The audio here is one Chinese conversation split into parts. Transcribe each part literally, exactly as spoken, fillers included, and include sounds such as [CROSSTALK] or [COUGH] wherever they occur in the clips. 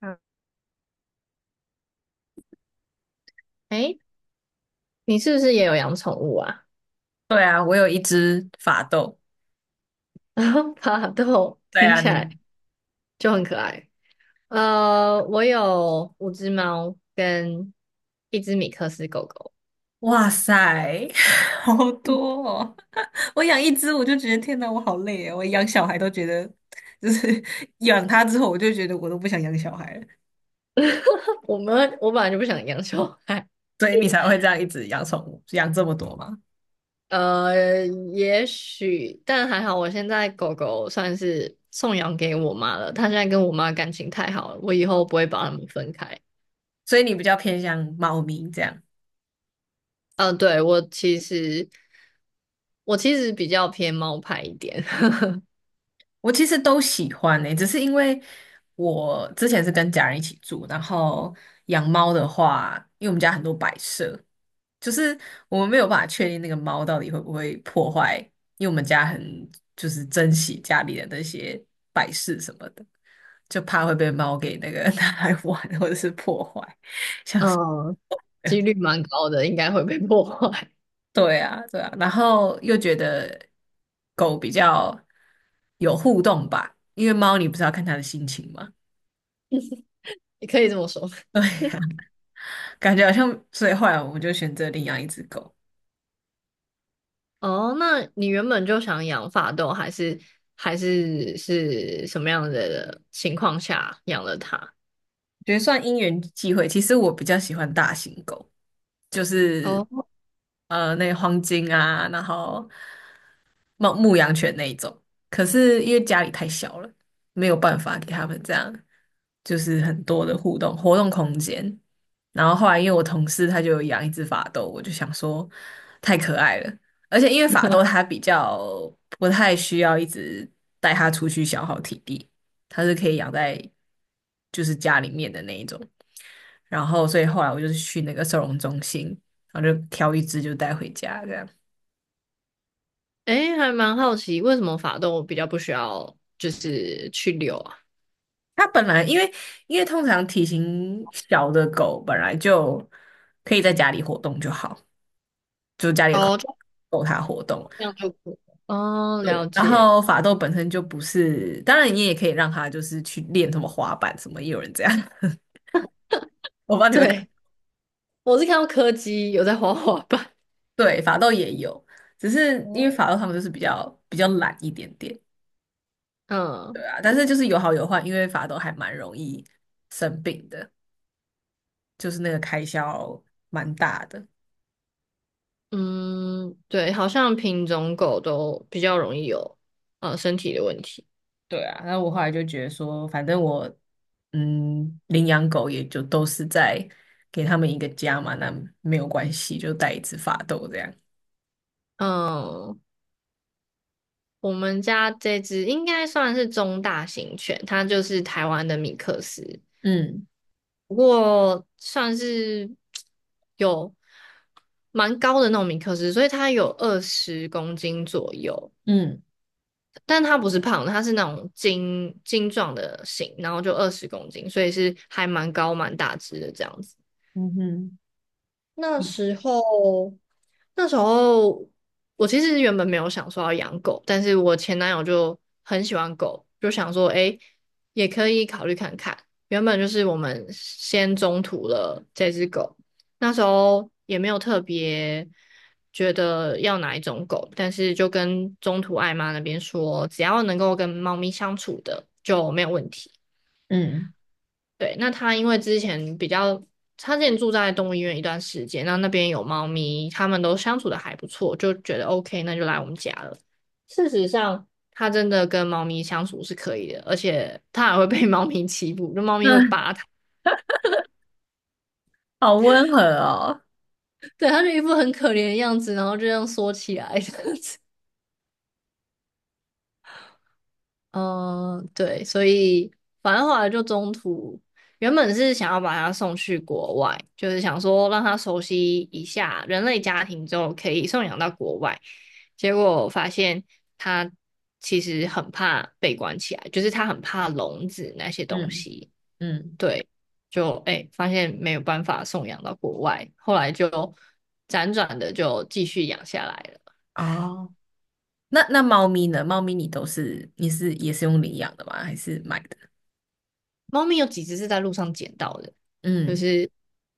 嗯，哎，你是不是也有养宠物啊？对啊，我有一只法斗。[LAUGHS] 然后巴豆对听啊，起你来看，就很可爱。呃，我有五只猫跟一只米克斯狗狗。哇塞，[LAUGHS] 好多哦！[LAUGHS] 我养一只，我就觉得天哪，我好累啊！我养小孩都觉得，就是 [LAUGHS] 养它之后，我就觉得我都不想养小孩了。[LAUGHS] 我们我本来就不想养小孩。所以你才会这样一直养宠物，养这么多吗？呃，也许，但还好，我现在狗狗算是送养给我妈了。它现在跟我妈感情太好了，我以后不会把它们分开。所以你比较偏向猫咪这样。呃，对，我其实我其实比较偏猫派一点。[LAUGHS] 我其实都喜欢诶、只是因为我之前是跟家人一起住，然后养猫的话，因为我们家很多摆设，就是我们没有办法确定那个猫到底会不会破坏，因为我们家很就是珍惜家里的那些摆饰什么的，就怕会被猫给那个 [LAUGHS] 拿来玩或者是破坏，像是 嗯，[LAUGHS] 几率蛮高的，应该会被破坏。对啊对啊，然后又觉得狗比较有互动吧，因为猫你不是要看它的心情嘛，[LAUGHS] 也可以这么说。[LAUGHS] 对呀、感觉好像，所以后来我们就选择领养一只狗。哦，那你原本就想养法斗，还是还是是什么样的情况下养了它？觉得算因缘际会。其实我比较喜欢大型狗，就是哦，呃那个黄金啊，然后牧牧羊犬那一种。可是因为家里太小了，没有办法给他们这样，就是很多的互动活动空间。然后后来因为我同事他就有养一只法斗，我就想说太可爱了，而且因为法斗它比较不太需要一直带它出去消耗体力。它是可以养在就是家里面的那一种。然后，所以后来我就是去那个收容中心，然后就挑一只就带回家这样。诶，还蛮好奇，为什么法斗比较不需要就是去遛啊？它本来因为因为通常体型小的狗本来就可以在家里活动就好，就家里的空哦，间就够它活动。这样就可以了哦，对，了然解。后法斗本身就不是，当然你也可以让它就是去练什么滑板什么，也有人这样，[LAUGHS] 我不知道你们看，对，我是看到柯基有在滑滑板。对，法斗也有，只是因为哦，法斗他们就是比较比较懒一点点，对嗯啊，但是就是有好有坏，因为法斗还蛮容易生病的，就是那个开销蛮大的。嗯，对，好像品种狗都比较容易有呃身体的问题。对啊，那我后来就觉得说，反正我嗯领养狗也就都是在给他们一个家嘛，那没有关系，就带一只法斗这样。嗯，我们家这只应该算是中大型犬，它就是台湾的米克斯，嗯。不过算是有蛮高的那种米克斯，所以它有二十公斤左右，嗯。但它不是胖的，它是那种精精壮的型，然后就二十公斤，所以是还蛮高蛮大只的这样子。嗯哼。那时候，那时候我其实原本没有想说要养狗，但是我前男友就很喜欢狗，就想说，诶，也可以考虑看看。原本就是我们先中途了这只狗，那时候也没有特别觉得要哪一种狗，但是就跟中途爱妈那边说，只要能够跟猫咪相处的就没有问题。嗯，对，那他因为之前比较，他之前住在动物医院一段时间，那那边有猫咪，他们都相处的还不错，就觉得 O K,那就来我们家了。事实上，他真的跟猫咪相处是可以的，而且他还会被猫咪欺负，就猫咪会那扒他，好温和哦。对，他就一副很可怜的样子，然后就这样缩起来。[LAUGHS] 样子。嗯，对，所以反正后来就中途，原本是想要把它送去国外，就是想说让他熟悉一下人类家庭之后可以送养到国外，结果我发现他其实很怕被关起来，就是他很怕笼子那些东嗯。西。嗯。对，就哎，发现没有办法送养到国外，后来就辗转的就继续养下来了。哦，那那猫咪呢？猫咪你都是你是也是用领养的吗？还是买的？猫咪有几只是在路上捡到的，就嗯。是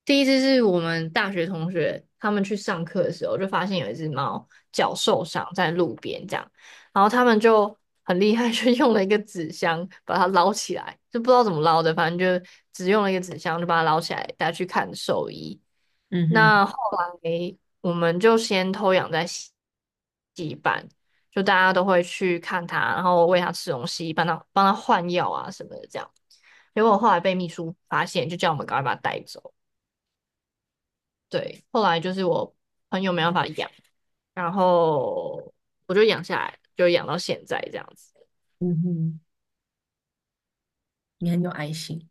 第一只是我们大学同学，他们去上课的时候就发现有一只猫脚受伤在路边这样，然后他们就很厉害，[LAUGHS] 就用了一个纸箱把它捞起来，就不知道怎么捞的，反正就只用了一个纸箱就把它捞起来带去看兽医。嗯哼。那后来我们就先偷养在洗西班，就大家都会去看它，然后喂它吃东西，帮它帮它换药啊什么的这样。结果后来被秘书发现，就叫我们赶快把它带走。对，后来就是我朋友没办法养，然后我就养下来，就养到现在这样子。嗯哼。你很有爱心。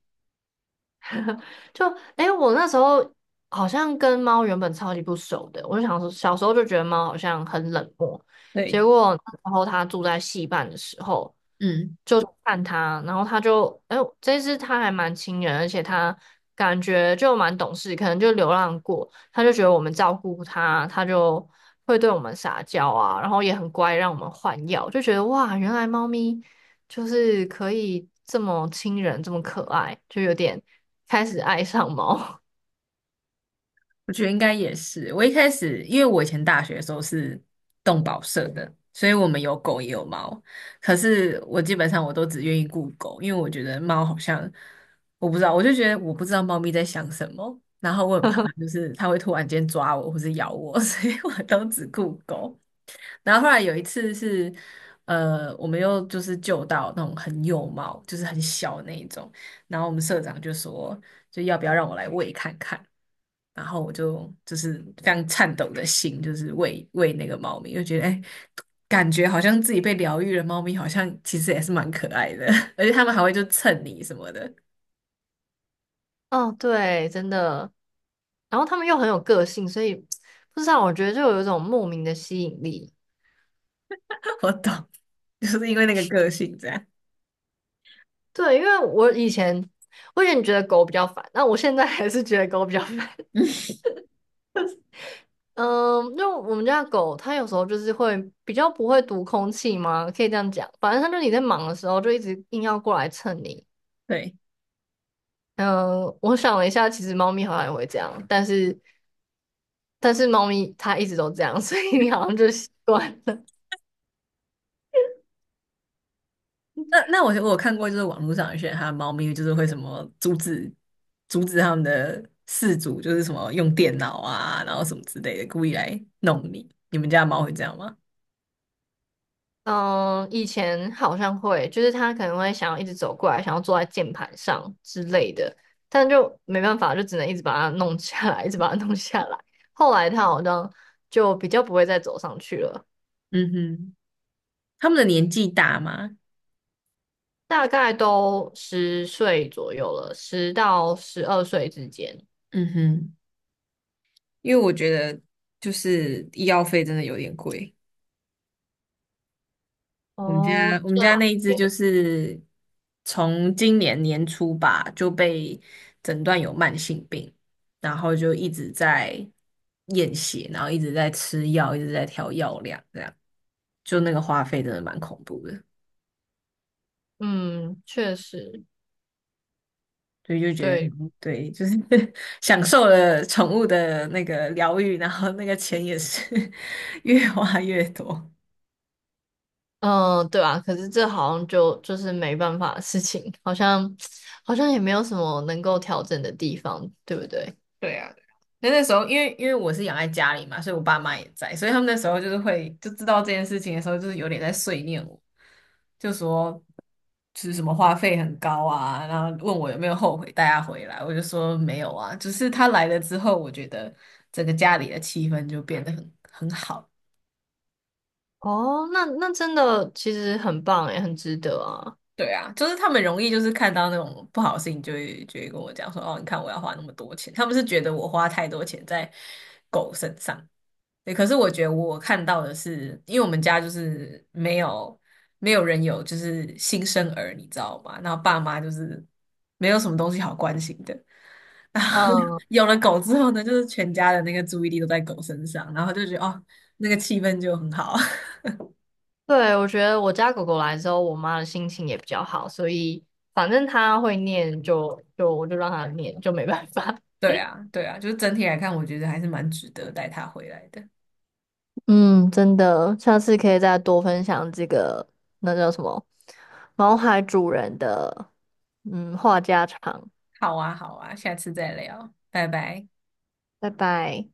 [LAUGHS] 就哎，诶我那时候好像跟猫原本超级不熟的，我就想说，小时候就觉得猫好像很冷漠，对，结果然后它住在戏办的时候，嗯，就看他，然后他就，哎呦这次他还蛮亲人，而且他感觉就蛮懂事，可能就流浪过，他就觉得我们照顾他，他就会对我们撒娇啊，然后也很乖，让我们换药，就觉得哇，原来猫咪就是可以这么亲人，这么可爱，就有点开始爱上猫。我觉得应该也是。我一开始，因为我以前大学的时候是动保社的，所以我们有狗也有猫。可是我基本上我都只愿意顾狗，因为我觉得猫好像我不知道，我就觉得我不知道猫咪在想什么，然后我很怕就是它会突然间抓我或是咬我，[LAUGHS] 所以我都只顾狗。然后后来有一次是，呃，我们又就是救到那种很幼猫，就是很小那一种。然后我们社长就说，就要不要让我来喂看看？然后我就就是非常颤抖的心，就是喂喂那个猫咪，就觉得哎，感觉好像自己被疗愈了。猫咪好像其实也是蛮可爱的，[LAUGHS] 而且它们还会就蹭你什么的。[LAUGHS] 哦，对，真的。然后他们又很有个性，所以不知道，我觉得就有一种莫名的吸引力。[LAUGHS] 我懂，[LAUGHS] 就是因为那个个性这样。对，因为我以前我以前觉得狗比较烦，那我现在还是觉得狗比较烦。[LAUGHS] 嗯，嗯，因为我们家的狗它有时候就是会比较不会读空气嘛，可以这样讲。反正它就你在忙的时候就一直硬要过来蹭你。对。嗯，我想了一下，其实猫咪好像也会这样，但是但是猫咪它一直都这样，所以你好像就习惯了。那那我我有看过，就是网络上有些人他的猫咪就是会什么阻止阻止他们的饲主，就是什么用电脑啊，然后什么之类的，故意来弄你。你们家的猫会这样吗？嗯，以前好像会，就是他可能会想要一直走过来，想要坐在键盘上之类的，但就没办法，就只能一直把它弄下来，一直把它弄下来。后来他好像就比较不会再走上去了，嗯哼，他们的年纪大吗？大概都十岁左右了，十到十二岁之间。嗯哼，因为我觉得就是医药费真的有点贵。我们家哦，我这们家那一只也，就是从今年年初吧就被诊断有慢性病，然后就一直在验血，然后一直在吃药，一直在调药量，这样就那个花费真的蛮恐怖的，嗯，确实，所以就觉得对，嗯对，就是 [LAUGHS] 享受了宠物的那个疗愈，然后那个钱也是 [LAUGHS] 越花越多。嗯，对啊，可是这好像就就是没办法的事情，好像好像也没有什么能够调整的地方，对不对？对啊，对啊。那那时候，因为因为我是养在家里嘛，所以我爸妈也在，所以他们那时候就是会就知道这件事情的时候，就是有点在碎念我，就说就是什么花费很高啊，然后问我有没有后悔带他回来，我就说没有啊，只是他来了之后，我觉得整个家里的气氛就变得很很好。哦，那那真的其实很棒诶，很值得啊。对啊，就是他们容易就是看到那种不好的事情，就会就会跟我讲说，哦，你看我要花那么多钱，他们是觉得我花太多钱在狗身上。对，可是我觉得我看到的是，因为我们家就是没有没有人有就是新生儿，你知道吗？然后爸妈就是没有什么东西好关心的。然后 嗯，[LAUGHS] 有了狗之后呢，就是全家的那个注意力都在狗身上，然后就觉得哦，那个气氛就很好。对，我觉得我家狗狗来之后，我妈的心情也比较好，所以反正它会念就就我就让它念，就没办法。[LAUGHS] 对啊，对啊，就是整体来看，我觉得还是蛮值得带它回来的。[LAUGHS] 嗯，真的，下次可以再多分享这个，那叫什么，毛孩主人的，嗯，话家常，好啊，好啊，下次再聊，拜拜。拜拜。